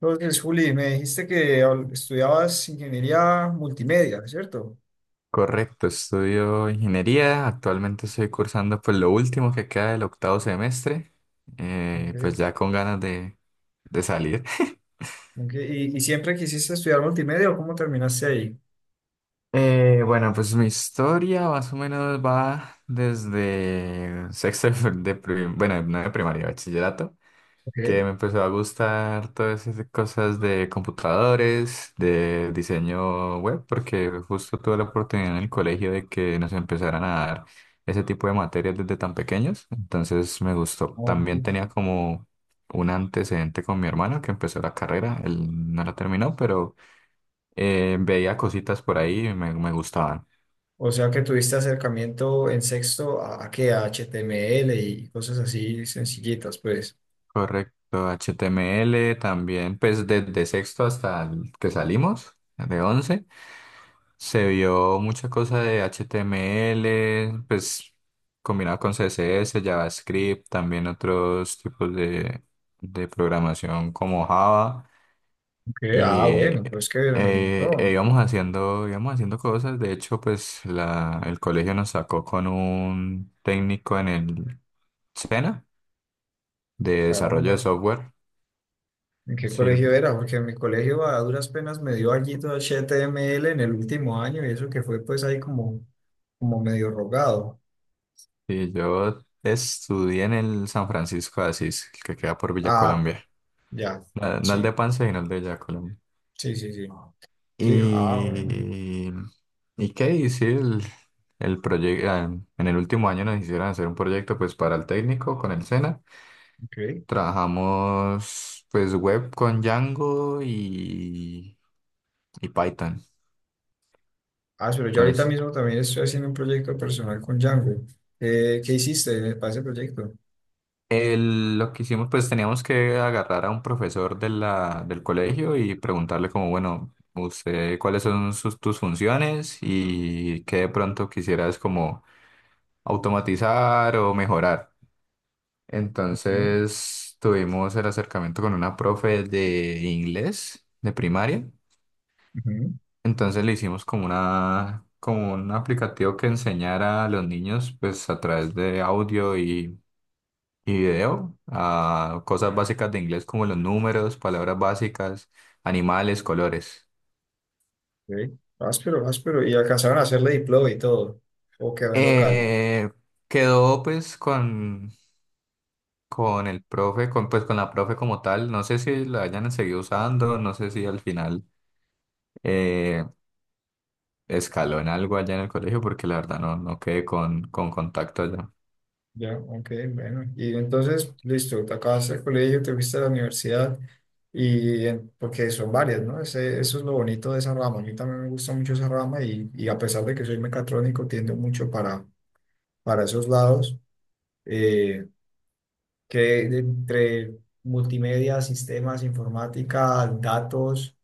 Entonces, Juli, me dijiste que estudiabas ingeniería multimedia, ¿cierto? Correcto, estudio ingeniería, actualmente estoy cursando pues lo último que queda del octavo semestre, Okay. pues ya con ganas de salir. Ok, ¿Y siempre quisiste estudiar multimedia o cómo terminaste ahí? Bueno, pues mi historia más o menos va desde sexto de, bueno, no de primaria, bachillerato, Okay. que me empezó a gustar todas esas cosas de computadores, de diseño web, porque justo tuve la oportunidad en el colegio de que nos empezaran a dar ese tipo de materias desde tan pequeños, entonces me gustó. Ok. También tenía como un antecedente con mi hermano que empezó la carrera, él no la terminó, pero veía cositas por ahí y me gustaban. O sea que tuviste acercamiento en sexto a qué, a HTML y cosas así sencillitas, pues. Correcto, HTML también, pues desde sexto hasta el que salimos, de 11. Se vio mucha cosa de HTML, pues combinado con CSS, JavaScript, también otros tipos de programación como Java. Ok. Ah, Y bueno, pues que eran un montón. Íbamos haciendo cosas. De hecho, pues el colegio nos sacó con un técnico en el SENA de desarrollo de Caramba. software. ¿En qué Sí, colegio era? Porque en mi colegio a duras penas me dio allí todo HTML en el último año y eso que fue pues ahí como, como medio rogado. y yo estudié en el San Francisco de Asís, que queda por Villa Ah. Colombia. Ya, No el sí, de Pansy, sino el de Ya Colombia. sí, sí, sí. Sí, ah, bueno. Y, y qué hice el proyecto. En el último año nos hicieron hacer un proyecto pues para el técnico con el SENA. Ok. Trabajamos pues web con Django y Python. Ah, pero yo ahorita Entonces, mismo también estoy haciendo un proyecto personal con Django. ¿Qué hiciste para ese proyecto? Lo que hicimos, pues teníamos que agarrar a un profesor de del colegio y preguntarle como, bueno, usted, ¿cuáles son tus funciones? Y qué de pronto quisieras como automatizar o mejorar. Ujú, Entonces tuvimos el acercamiento con una profe de inglés de primaria. ujú, Entonces le hicimos como como un aplicativo que enseñara a los niños, pues a través de audio y video, a cosas básicas de inglés como los números, palabras básicas, animales, colores. ok. Áspero, áspero. ¿Y alcanzaron a hacerle deploy y todo? ¿O quedó en local? Eh, Quedó pues con el profe, con, pues con la profe como tal. No sé si la hayan seguido usando, no sé si al final eh, escaló en algo allá en el colegio, porque la verdad no, no quedé con contacto allá. Ya, ok, bueno. Y entonces, listo, te acabaste el colegio, te fuiste a la universidad. Porque son varias, ¿no? Ese, eso es lo bonito de esa rama. A mí también me gusta mucho esa rama y a pesar de que soy mecatrónico, tiendo mucho para esos lados, eh, que entre multimedia, sistemas, informática, datos,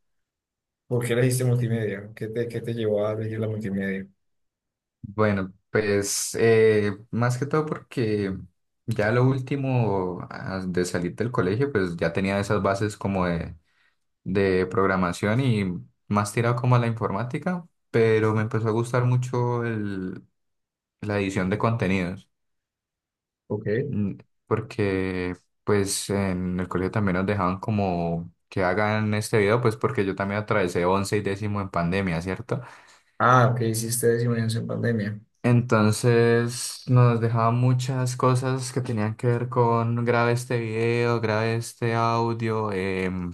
¿por qué elegiste multimedia? Qué te llevó a elegir la multimedia? Bueno, pues más que todo porque ya lo último de salir del colegio, pues ya tenía esas bases como de programación y más tirado como a la informática, pero me empezó a gustar mucho la edición de contenidos. Ok. Mm, Porque pues en el colegio también nos dejaban como que hagan este video, pues porque yo también atravesé once y décimo en pandemia, ¿cierto? Ah, ok, hiciste disminución en pandemia. Entonces nos dejaban muchas cosas que tenían que ver con grabe este video, grabe este audio,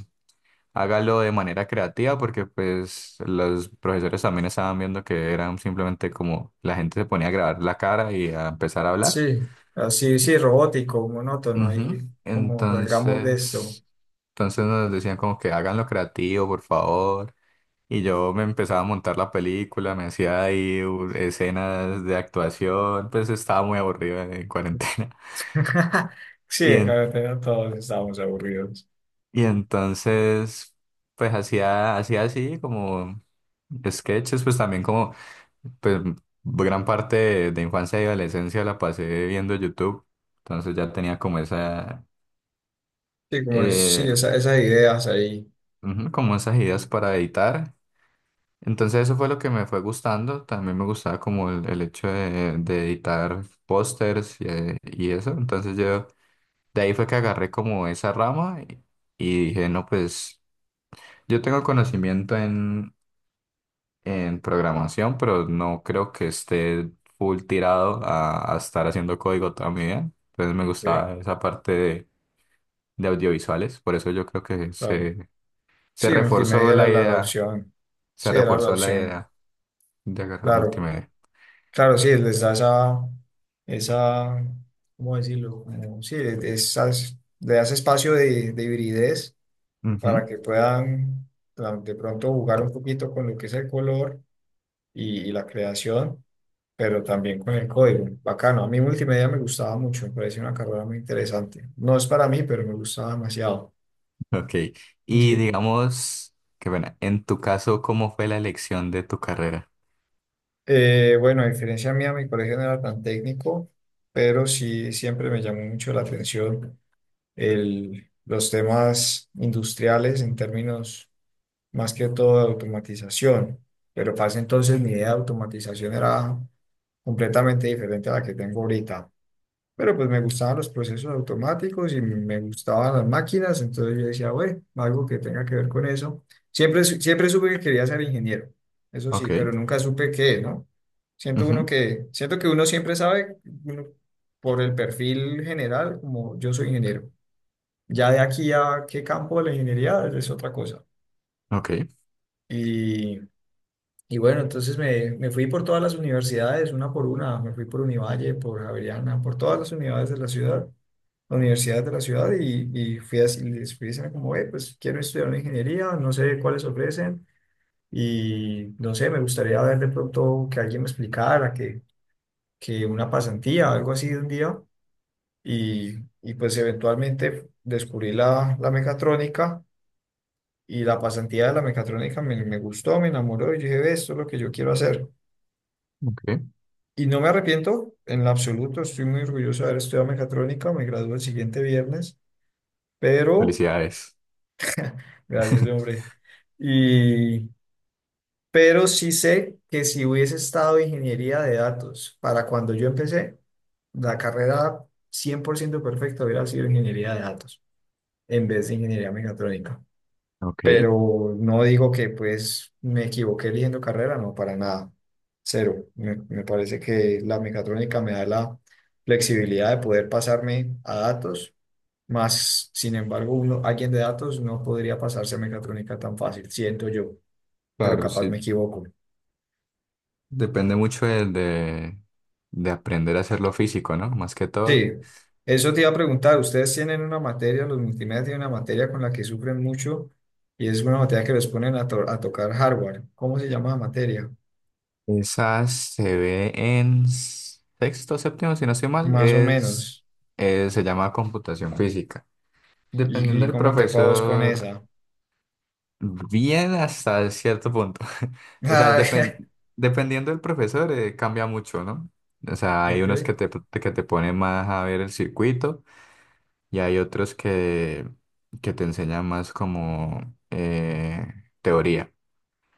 hágalo de manera creativa, porque pues los profesores también estaban viendo que eran simplemente como la gente se ponía a grabar la cara y a empezar a hablar. Sí, así, sí, robótico, monótono, Ujú. ahí como salgamos de esto. Entonces, entonces nos decían como que hagan lo creativo, por favor. Y yo me empezaba a montar la película, me hacía ahí escenas de actuación, pues estaba muy aburrido en cuarentena. Sí, Y, en carretera todos estábamos aburridos. y entonces, pues hacía, hacía así como sketches, pues también como, pues gran parte de infancia y adolescencia la pasé viendo YouTube. Entonces ya tenía como Sí, sí, eh, esas ideas ahí. ujú, como esas ideas para editar. Entonces eso fue lo que me fue gustando. También me gustaba como el hecho de editar pósters y eso. Entonces yo de ahí fue que agarré como esa rama y dije, no, pues yo tengo conocimiento en programación, pero no creo que esté full tirado a estar haciendo código toda mi vida. Entonces me Ok. gustaba esa parte de audiovisuales. Por eso yo creo que Claro. Se Sí, reforzó multimedia era la la la idea, opción. se Sí, era la reforzó la opción. idea de agarrar Claro. multimedia. Claro, sí, les da esa, esa, ¿cómo decirlo? Sí, esas, le das espacio de hibridez para Ujú. que puedan de pronto jugar un poquito con lo que es el color y la creación, pero también con el código. Bacano, a mí multimedia me gustaba mucho, me pareció una carrera muy interesante. No es para mí, pero me gustaba demasiado. Ok, y Y, digamos, que bueno, en tu caso, ¿cómo fue la elección de tu carrera? Bueno, a diferencia mía, mi colegio no era tan técnico, pero sí siempre me llamó mucho la atención los temas industriales en términos más que todo de automatización. Pero para ese entonces mi idea de automatización era completamente diferente a la que tengo ahorita. Pero pues me gustaban los procesos automáticos y me gustaban las máquinas, entonces yo decía, bueno, algo que tenga que ver con eso. Siempre, siempre supe que quería ser ingeniero, eso Ok, sí, pero nunca supe qué, ¿no? Siento uno ujú. que, siento que uno siempre sabe, uno, por el perfil general, como yo soy ingeniero ya de aquí a qué campo de la ingeniería es otra cosa. Ok, Y, y bueno, entonces me fui por todas las universidades, una por una, me fui por Univalle, por Javeriana, por todas las unidades de la ciudad, universidades de la ciudad, y fui así, les fui diciendo como, "Ve, pues quiero estudiar una ingeniería, no sé cuáles ofrecen, y no sé, me gustaría ver de pronto que alguien me explicara, que una pasantía, algo así de un día, y pues eventualmente descubrí la, la mecatrónica. Y la pasantía de la mecatrónica me gustó, me enamoró y dije, "Ve, esto es lo que yo quiero hacer". ok, Y no me arrepiento en lo absoluto, estoy muy orgulloso de haber estudiado mecatrónica, me gradúo el siguiente viernes, pero, felicidades. gracias hombre, y, pero sí sé que si hubiese estado ingeniería de datos para cuando yo empecé, la carrera 100% perfecta hubiera sido ingeniería de datos en vez de ingeniería mecatrónica. Ok, Pero no digo que pues me equivoqué eligiendo carrera, no, para nada, cero. Me parece que la mecatrónica me da la flexibilidad de poder pasarme a datos, más sin embargo uno, alguien de datos no podría pasarse a mecatrónica tan fácil, siento yo, pero claro, capaz sí, me equivoco. depende mucho de aprender a hacer lo físico, ¿no? Más que todo. Sí, eso te iba a preguntar, ustedes tienen una materia, los multimedia tienen una materia con la que sufren mucho y es una materia que les ponen a, a tocar hardware. ¿Cómo se llama la materia? Esa se ve en sexto, séptimo, si no estoy mal, Más o menos. Se llama computación física. Dependiendo Y del cómo te fue a vos con profesor. esa? Bien hasta cierto punto. O sea, Ah. Dependiendo del profesor, cambia mucho, ¿no? O sea, hay Ok, unos que que te ponen más a ver el circuito y hay otros que te enseñan más como teoría.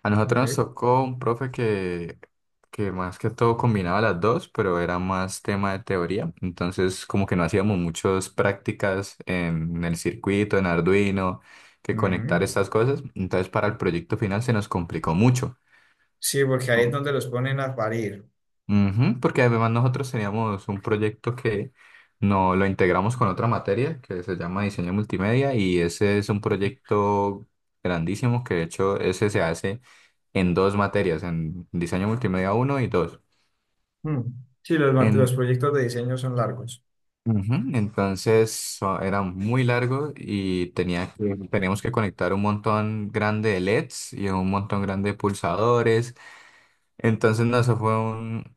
A nosotros nos ok. tocó un profe que más que todo combinaba las dos, pero era más tema de teoría. Entonces, como que no hacíamos muchas prácticas en el circuito, en Arduino, que conectar Ujú. estas cosas. Entonces, para el proyecto final se nos complicó mucho. Sí, porque ahí es donde los ponen a parir. Ujú, porque además nosotros teníamos un proyecto que no lo integramos con otra materia que se llama diseño multimedia y ese es un proyecto grandísimo que de hecho ese se hace en dos materias, en diseño multimedia uno y dos. Mm. Sí, los, los En, proyectos de diseño son largos. Ujú, entonces era muy largo y tenía que, teníamos que conectar un montón grande de LEDs y un montón grande de pulsadores. Entonces no, eso fue un,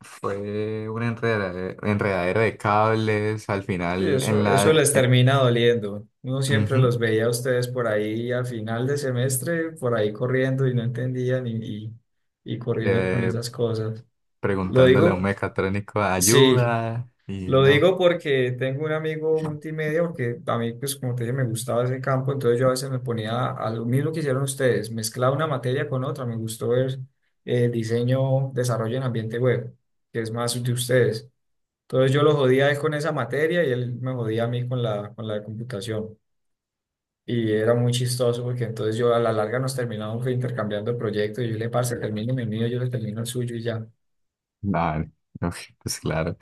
fue una enredadera, enredadera de cables al Sí, final eso, en eso la les termina doliendo. Uno siempre ujú, los veía a ustedes por ahí a final de semestre, por ahí corriendo y no entendían y, y corriendo con eh, esas cosas. Lo preguntándole a un digo, mecatrónico sí, ayuda y lo no, digo porque tengo un amigo multimedia, porque a mí, pues como te dije, me gustaba ese campo, entonces yo a veces me ponía a lo mismo que hicieron ustedes, mezclaba una materia con otra, me gustó ver diseño, desarrollo en ambiente web, que es más de ustedes. Entonces yo lo jodía a él con esa materia y él me jodía a mí con la de computación. Y era muy chistoso porque entonces yo a la larga nos terminamos intercambiando proyectos y yo le, parce, termine el mío, yo le termino el suyo y ya. nada, no, pues claro,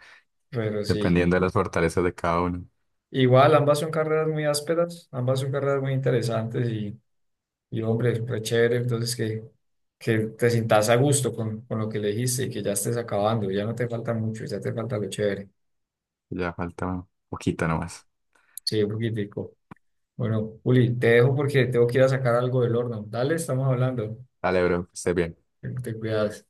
Pero sí. dependiendo de las fortalezas de cada uno. Igual, ambas son carreras muy ásperas, ambas son carreras muy interesantes y hombre, re chévere, entonces que te sientas a gusto con lo que elegiste y que ya estés acabando, ya no te falta mucho, ya te falta lo chévere. Ya falta un poquito nomás. Sí, un poquitico. Bueno, Juli, te dejo porque tengo que ir a sacar algo del horno. Dale, estamos hablando. Dale, bro, que estés bien. Te cuidas.